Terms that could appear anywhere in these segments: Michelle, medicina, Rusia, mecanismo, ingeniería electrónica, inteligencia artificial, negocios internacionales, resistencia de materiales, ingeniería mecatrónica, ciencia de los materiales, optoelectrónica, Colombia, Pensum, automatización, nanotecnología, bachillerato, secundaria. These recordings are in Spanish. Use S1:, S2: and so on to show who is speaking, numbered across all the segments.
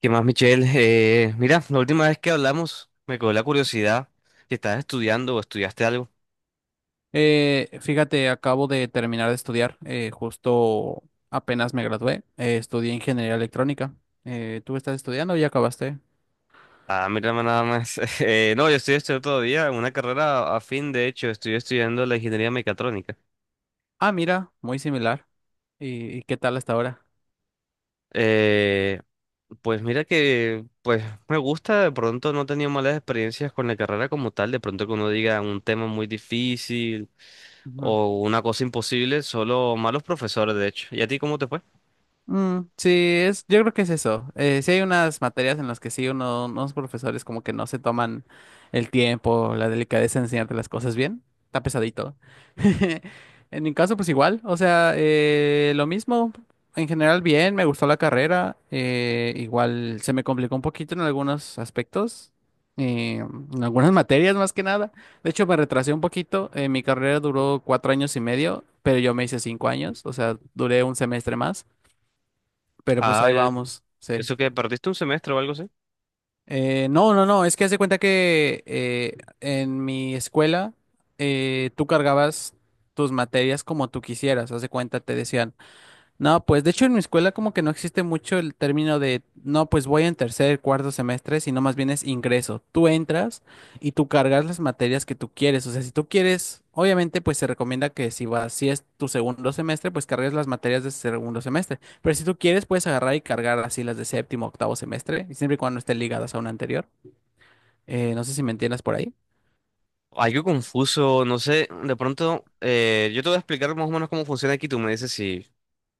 S1: ¿Qué más, Michelle? Mira, la última vez que hablamos me quedó la curiosidad si estás estudiando o estudiaste algo.
S2: Fíjate, acabo de terminar de estudiar, justo apenas me gradué, estudié ingeniería electrónica. ¿Tú estás estudiando o ya acabaste?
S1: Ah, mira, nada más. No, yo estoy estudiando todavía una carrera afín, de hecho, estoy estudiando la ingeniería mecatrónica.
S2: Ah, mira, muy similar. ¿Y qué tal hasta ahora?
S1: Eh, pues mira que, pues me gusta, de pronto no he tenido malas experiencias con la carrera como tal, de pronto que uno diga un tema muy difícil o una cosa imposible, solo malos profesores, de hecho. ¿Y a ti cómo te fue?
S2: Mm, sí, yo creo que es eso. Sí hay unas materias en las que sí unos profesores como que no se toman el tiempo, la delicadeza de enseñarte las cosas bien. Está pesadito. En mi caso, pues igual. O sea, lo mismo. En general, bien, me gustó la carrera. Igual se me complicó un poquito en algunos aspectos. eh, en algunas materias más que nada. De hecho, me retrasé un poquito. Mi carrera duró 4 años y medio, pero yo me hice 5 años. O sea, duré un semestre más. Pero pues
S1: Ah,
S2: ahí
S1: eh,
S2: vamos, sí.
S1: ¿Eso que perdiste un semestre o algo así?
S2: No, no, no, es que hace cuenta que en mi escuela tú cargabas tus materias como tú quisieras. Haz de cuenta, te decían. No, pues de hecho en mi escuela como que no existe mucho el término no, pues voy en tercer, cuarto semestre, sino más bien es ingreso. Tú entras y tú cargas las materias que tú quieres. O sea, si tú quieres, obviamente pues se recomienda que si es tu segundo semestre, pues cargues las materias de ese segundo semestre. Pero si tú quieres, puedes agarrar y cargar así las de séptimo, octavo semestre, y siempre y cuando estén ligadas a una anterior. No sé si me entiendas por ahí.
S1: Algo confuso, no sé, de pronto yo te voy a explicar más o menos cómo funciona aquí, tú me dices si,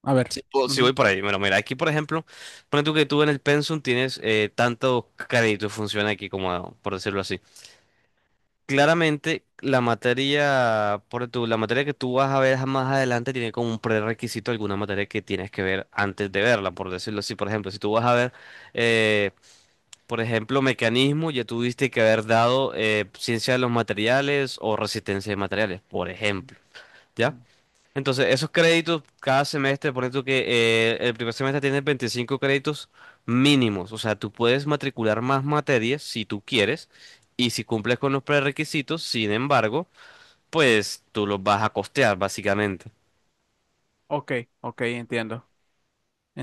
S2: A ver.
S1: si
S2: Ujú.
S1: voy por ahí. Bueno, mira, aquí por ejemplo, pone tú que tú en el Pensum tienes tantos créditos, funciona aquí como, por decirlo así. Claramente la materia, la materia que tú vas a ver más adelante tiene como un prerequisito alguna materia que tienes que ver antes de verla, por decirlo así. Por ejemplo, si tú vas a ver eh, mecanismo, ya tuviste que haber dado ciencia de los materiales o resistencia de materiales, por ejemplo, ¿ya?
S2: Ujú.
S1: Entonces, esos créditos cada semestre, por ejemplo, que el primer semestre tiene 25 créditos mínimos, o sea, tú puedes matricular más materias si tú quieres y si cumples con los prerequisitos, sin embargo, pues tú los vas a costear, básicamente.
S2: Ok, ok, entiendo,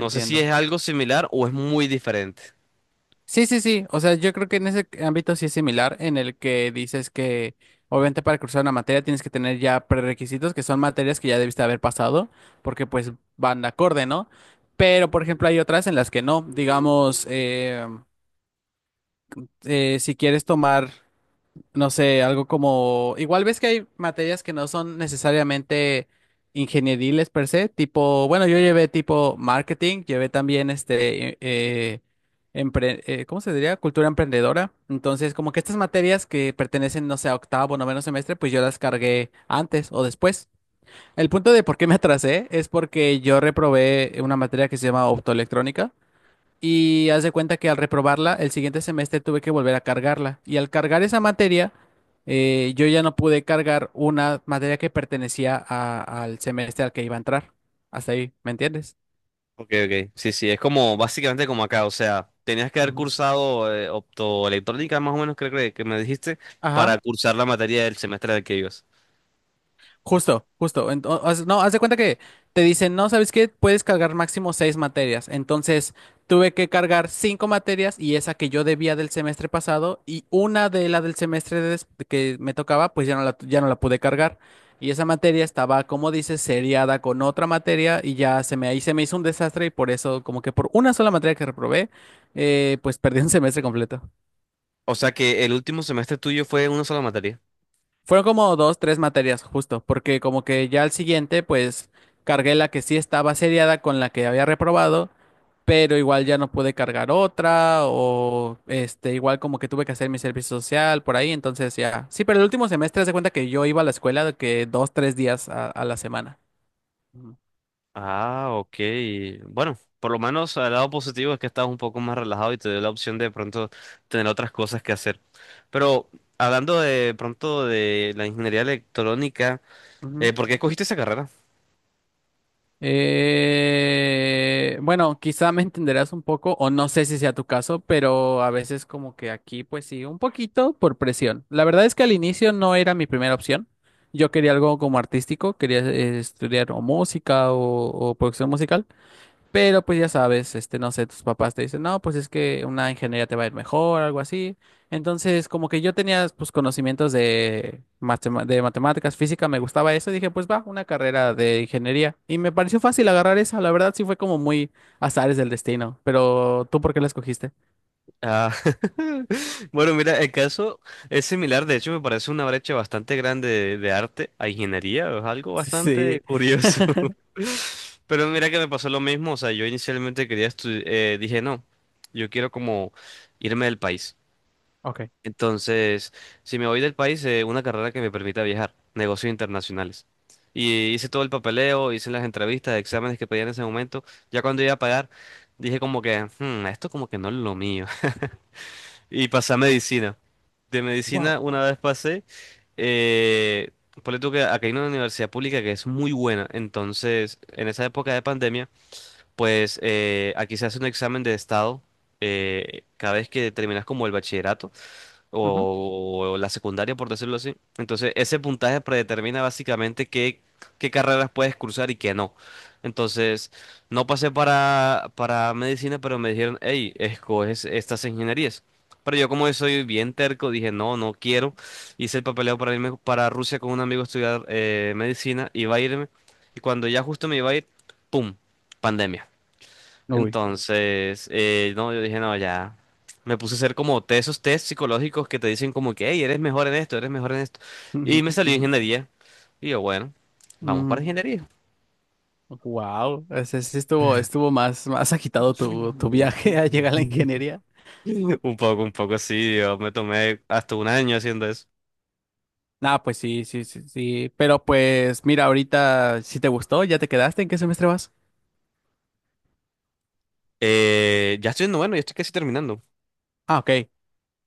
S1: No sé si es algo similar o es muy diferente.
S2: Sí, sí, sí. O sea, yo creo que en ese ámbito sí es similar, en el que dices que obviamente para cursar una materia tienes que tener ya prerequisitos, que son materias que ya debiste haber pasado, porque pues van de acorde, ¿no? Pero, por ejemplo, hay otras en las que no. Digamos, si quieres tomar no sé, algo como, igual ves que hay materias que no son necesariamente ingenieriles per se, tipo, bueno, yo llevé tipo marketing, llevé también este, ¿cómo se diría? Cultura emprendedora. Entonces, como que estas materias que pertenecen, no sé, a octavo, noveno semestre, pues yo las cargué antes o después. El punto de por qué me atrasé es porque yo reprobé una materia que se llama optoelectrónica. Y haz de cuenta que al reprobarla, el siguiente semestre tuve que volver a cargarla. Y al cargar esa materia, yo ya no pude cargar una materia que pertenecía al semestre al que iba a entrar. Hasta ahí, ¿me entiendes?
S1: Ok, ok. Sí, sí, es como básicamente como acá, o sea, tenías que haber
S2: Ujú.
S1: cursado optoelectrónica, más o menos creo que me dijiste,
S2: Ajá.
S1: para cursar la materia del semestre del que ibas.
S2: Justo, justo. No, haz de cuenta que te dicen, no, ¿sabes qué? Puedes cargar máximo seis materias. Entonces, tuve que cargar cinco materias y esa que yo debía del semestre pasado y una de la del semestre que me tocaba, pues ya no la pude cargar. Y esa materia estaba, como dices, seriada con otra materia y ahí se me hizo un desastre y por eso, como que por una sola materia que reprobé, pues perdí un semestre completo.
S1: O sea que el último semestre tuyo fue una sola materia.
S2: Fueron como dos, tres materias justo, porque como que ya al siguiente, pues cargué la que sí estaba seriada con la que había reprobado, pero igual ya no pude cargar otra, o este, igual como que tuve que hacer mi servicio social por ahí, entonces ya. Sí, pero el último semestre, haz de cuenta que yo iba a la escuela de que dos, tres días a la semana. Ujú.
S1: Ah, ok. Bueno, por lo menos el lado positivo es que estás un poco más relajado y te dio la opción de pronto tener otras cosas que hacer. Pero hablando de pronto de la ingeniería electrónica,
S2: Ujú.
S1: ¿por qué escogiste esa carrera?
S2: Bueno, quizá me entenderás un poco, o no sé si sea tu caso, pero a veces como que aquí, pues sí, un poquito por presión. La verdad es que al inicio no era mi primera opción. Yo quería algo como artístico, quería estudiar o música o producción musical. Pero pues ya sabes, este, no sé, tus papás te dicen, no, pues es que una ingeniería te va a ir mejor, algo así. Entonces, como que yo tenía, pues, conocimientos de matemáticas, física, me gustaba eso, y dije, pues va, una carrera de ingeniería. Y me pareció fácil agarrar esa, la verdad sí fue como muy azares del destino. Pero, ¿tú por qué la escogiste?
S1: Ah, bueno, mira, el caso es similar, de hecho me parece una brecha bastante grande de arte a ingeniería, es algo bastante
S2: Sí.
S1: curioso. Pero mira que me pasó lo mismo, o sea, yo inicialmente quería estudiar, dije no, yo quiero como irme del país.
S2: Ok.
S1: Entonces, si me voy del país, una carrera que me permita viajar, negocios internacionales. Y hice todo el papeleo, hice las entrevistas, exámenes que pedían en ese momento, ya cuando iba a pagar, dije como que, "Hmm, esto como que no es lo mío. Y pasé a medicina. De
S2: Wow.
S1: medicina, una vez pasé, eh, ponle tú que acá hay una universidad pública que es muy buena. Entonces, en esa época de pandemia, pues aquí se hace un examen de estado cada vez que terminas como el bachillerato
S2: Ujú.
S1: o la secundaria, por decirlo así. Entonces, ese puntaje predetermina básicamente qué carreras puedes cursar y qué no. Entonces, no pasé para medicina, pero me dijeron, hey, escoges estas ingenierías. Pero yo como soy bien terco, dije, no, no quiero. Hice el papeleo para irme para Rusia con un amigo a estudiar medicina, iba a irme. Y cuando ya justo me iba a ir, ¡pum! Pandemia.
S2: Uy.
S1: Entonces, no, yo dije, no, ya. Me puse a hacer como esos test psicológicos que te dicen como que, hey, eres mejor en esto, eres mejor en esto. Y
S2: Ujú,
S1: me salió
S2: ujú,
S1: ingeniería. Y yo, bueno, vamos para
S2: ujú.
S1: ingeniería.
S2: Wow, ese sí estuvo más, más agitado tu viaje a llegar a la ingeniería.
S1: Un poco así, yo me tomé hasta un año haciendo eso.
S2: Ah, pues sí, sí, sí, sí. Pero pues mira, ahorita si te gustó, ya te quedaste, ¿en qué semestre vas?
S1: Ya estoy en noveno, ya estoy casi terminando.
S2: Ah, ok,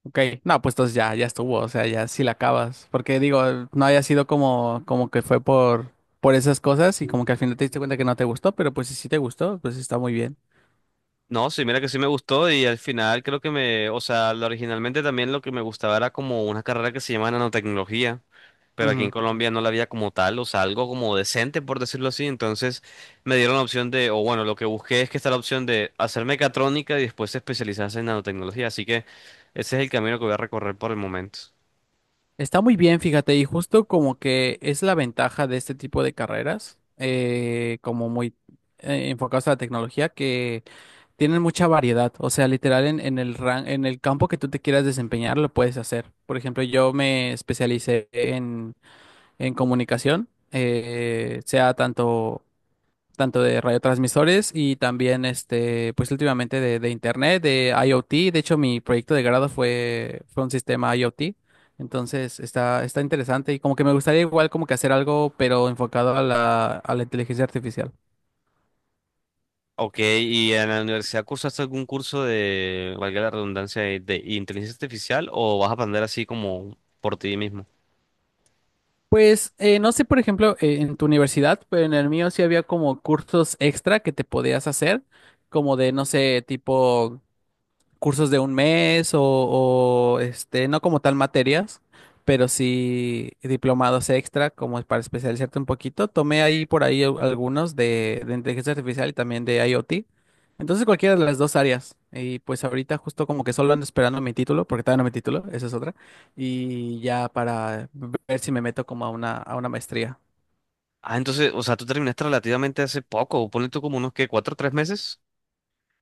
S2: ok. No, pues entonces ya, ya estuvo, o sea, ya sí la acabas. Porque digo, no haya sido como, que fue por esas cosas y como que al final te diste cuenta que no te gustó, pero pues si sí te gustó, pues está muy bien.
S1: No, sí, mira que sí me gustó y al final creo que me, o sea, originalmente también lo que me gustaba era como una carrera que se llama nanotecnología. Pero aquí en
S2: Ujú.
S1: Colombia no la había como tal, o sea, algo como decente, por decirlo así. Entonces me dieron la opción de, o bueno, lo que busqué es que está la opción de hacer mecatrónica y después especializarse en nanotecnología. Así que ese es el camino que voy a recorrer por el momento.
S2: Está muy bien, fíjate, y justo como que es la ventaja de este tipo de carreras, como muy enfocadas a la tecnología, que tienen mucha variedad. O sea, literal en el campo que tú te quieras desempeñar, lo puedes hacer. Por ejemplo, yo me especialicé en comunicación, sea tanto de radiotransmisores y también, este, pues últimamente de internet, de IoT. De hecho, mi proyecto de grado fue un sistema IoT. Entonces, está interesante y como que me gustaría igual como que hacer algo, pero enfocado a la inteligencia artificial.
S1: Ok, ¿y en la universidad cursaste algún curso de, valga la redundancia, de inteligencia artificial o vas a aprender así como por ti mismo?
S2: Pues no sé, por ejemplo, en tu universidad, pero en el mío sí había como cursos extra que te podías hacer, como de, no sé, tipo cursos de un mes o, este, no como tal materias, pero sí diplomados extra como para especializarte un poquito. Tomé ahí por ahí algunos de inteligencia artificial y también de IoT. Entonces cualquiera de las dos áreas. Y pues ahorita justo como que solo ando esperando mi título, porque todavía no mi título, esa es otra. Y ya para ver si me meto como a una maestría.
S1: Ah, entonces, o sea, tú terminaste relativamente hace poco, ponle tú como unos que cuatro o tres meses.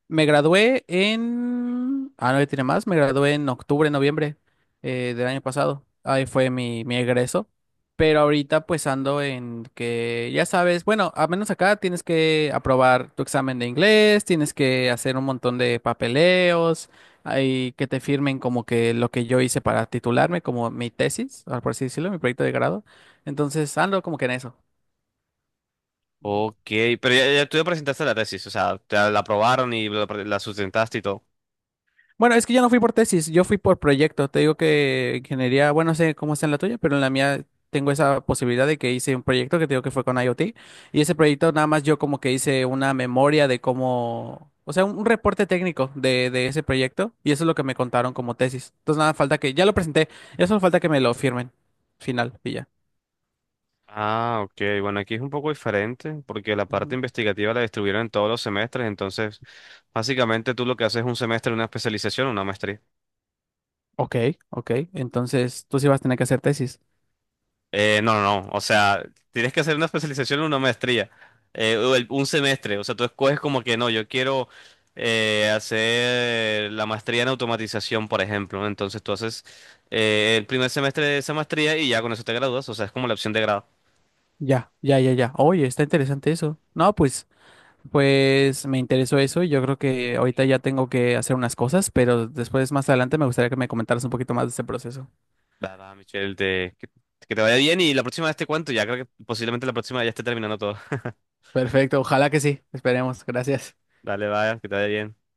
S2: Me gradué en... Ah, no, ya tiene más. Me gradué en octubre, noviembre del año pasado. Ahí fue mi egreso. Pero ahorita pues ando en que, ya sabes, bueno, a menos acá tienes que aprobar tu examen de inglés, tienes que hacer un montón de papeleos, hay que te firmen como que lo que yo hice para titularme, como mi tesis, ah, por así decirlo, mi proyecto de grado. Entonces ando como que en eso.
S1: Ok, pero ya, ya tú presentaste la tesis, o sea, te la aprobaron y la sustentaste y todo.
S2: Bueno, es que yo no fui por tesis, yo fui por proyecto. Te digo que ingeniería, bueno, no sé cómo está en la tuya, pero en la mía tengo esa posibilidad de que hice un proyecto que te digo que fue con IoT. Y ese proyecto nada más yo como que hice una memoria de cómo, o sea, un reporte técnico de ese proyecto. Y eso es lo que me contaron como tesis. Entonces nada, falta que, ya lo presenté, ya solo falta que me lo firmen. Final, y ya.
S1: Ah, ok, bueno, aquí es un poco diferente porque la parte
S2: Ujú.
S1: investigativa la distribuyeron en todos los semestres, entonces básicamente tú lo que haces es un semestre, una especialización, una maestría.
S2: Ok, ok. Entonces tú sí vas a tener que hacer tesis.
S1: No, no, no. O sea, tienes que hacer una especialización o una maestría. O un semestre. O sea, tú escoges como que no, yo quiero hacer la maestría en automatización, por ejemplo. Entonces tú haces el primer semestre de esa maestría y ya con eso te gradúas. O sea, es como la opción de grado.
S2: Ya, ya, ya, ya. Oye, está interesante eso. No, pues. Pues me interesó eso y yo creo que ahorita ya tengo que hacer unas cosas, pero después más adelante me gustaría que me comentaras un poquito más de ese proceso.
S1: Nada, Michelle, que te vaya bien y la próxima vez te cuento. Ya creo que posiblemente la próxima ya esté terminando todo.
S2: Perfecto, ojalá que sí. Esperemos. Gracias.
S1: Dale, vaya, que te vaya bien.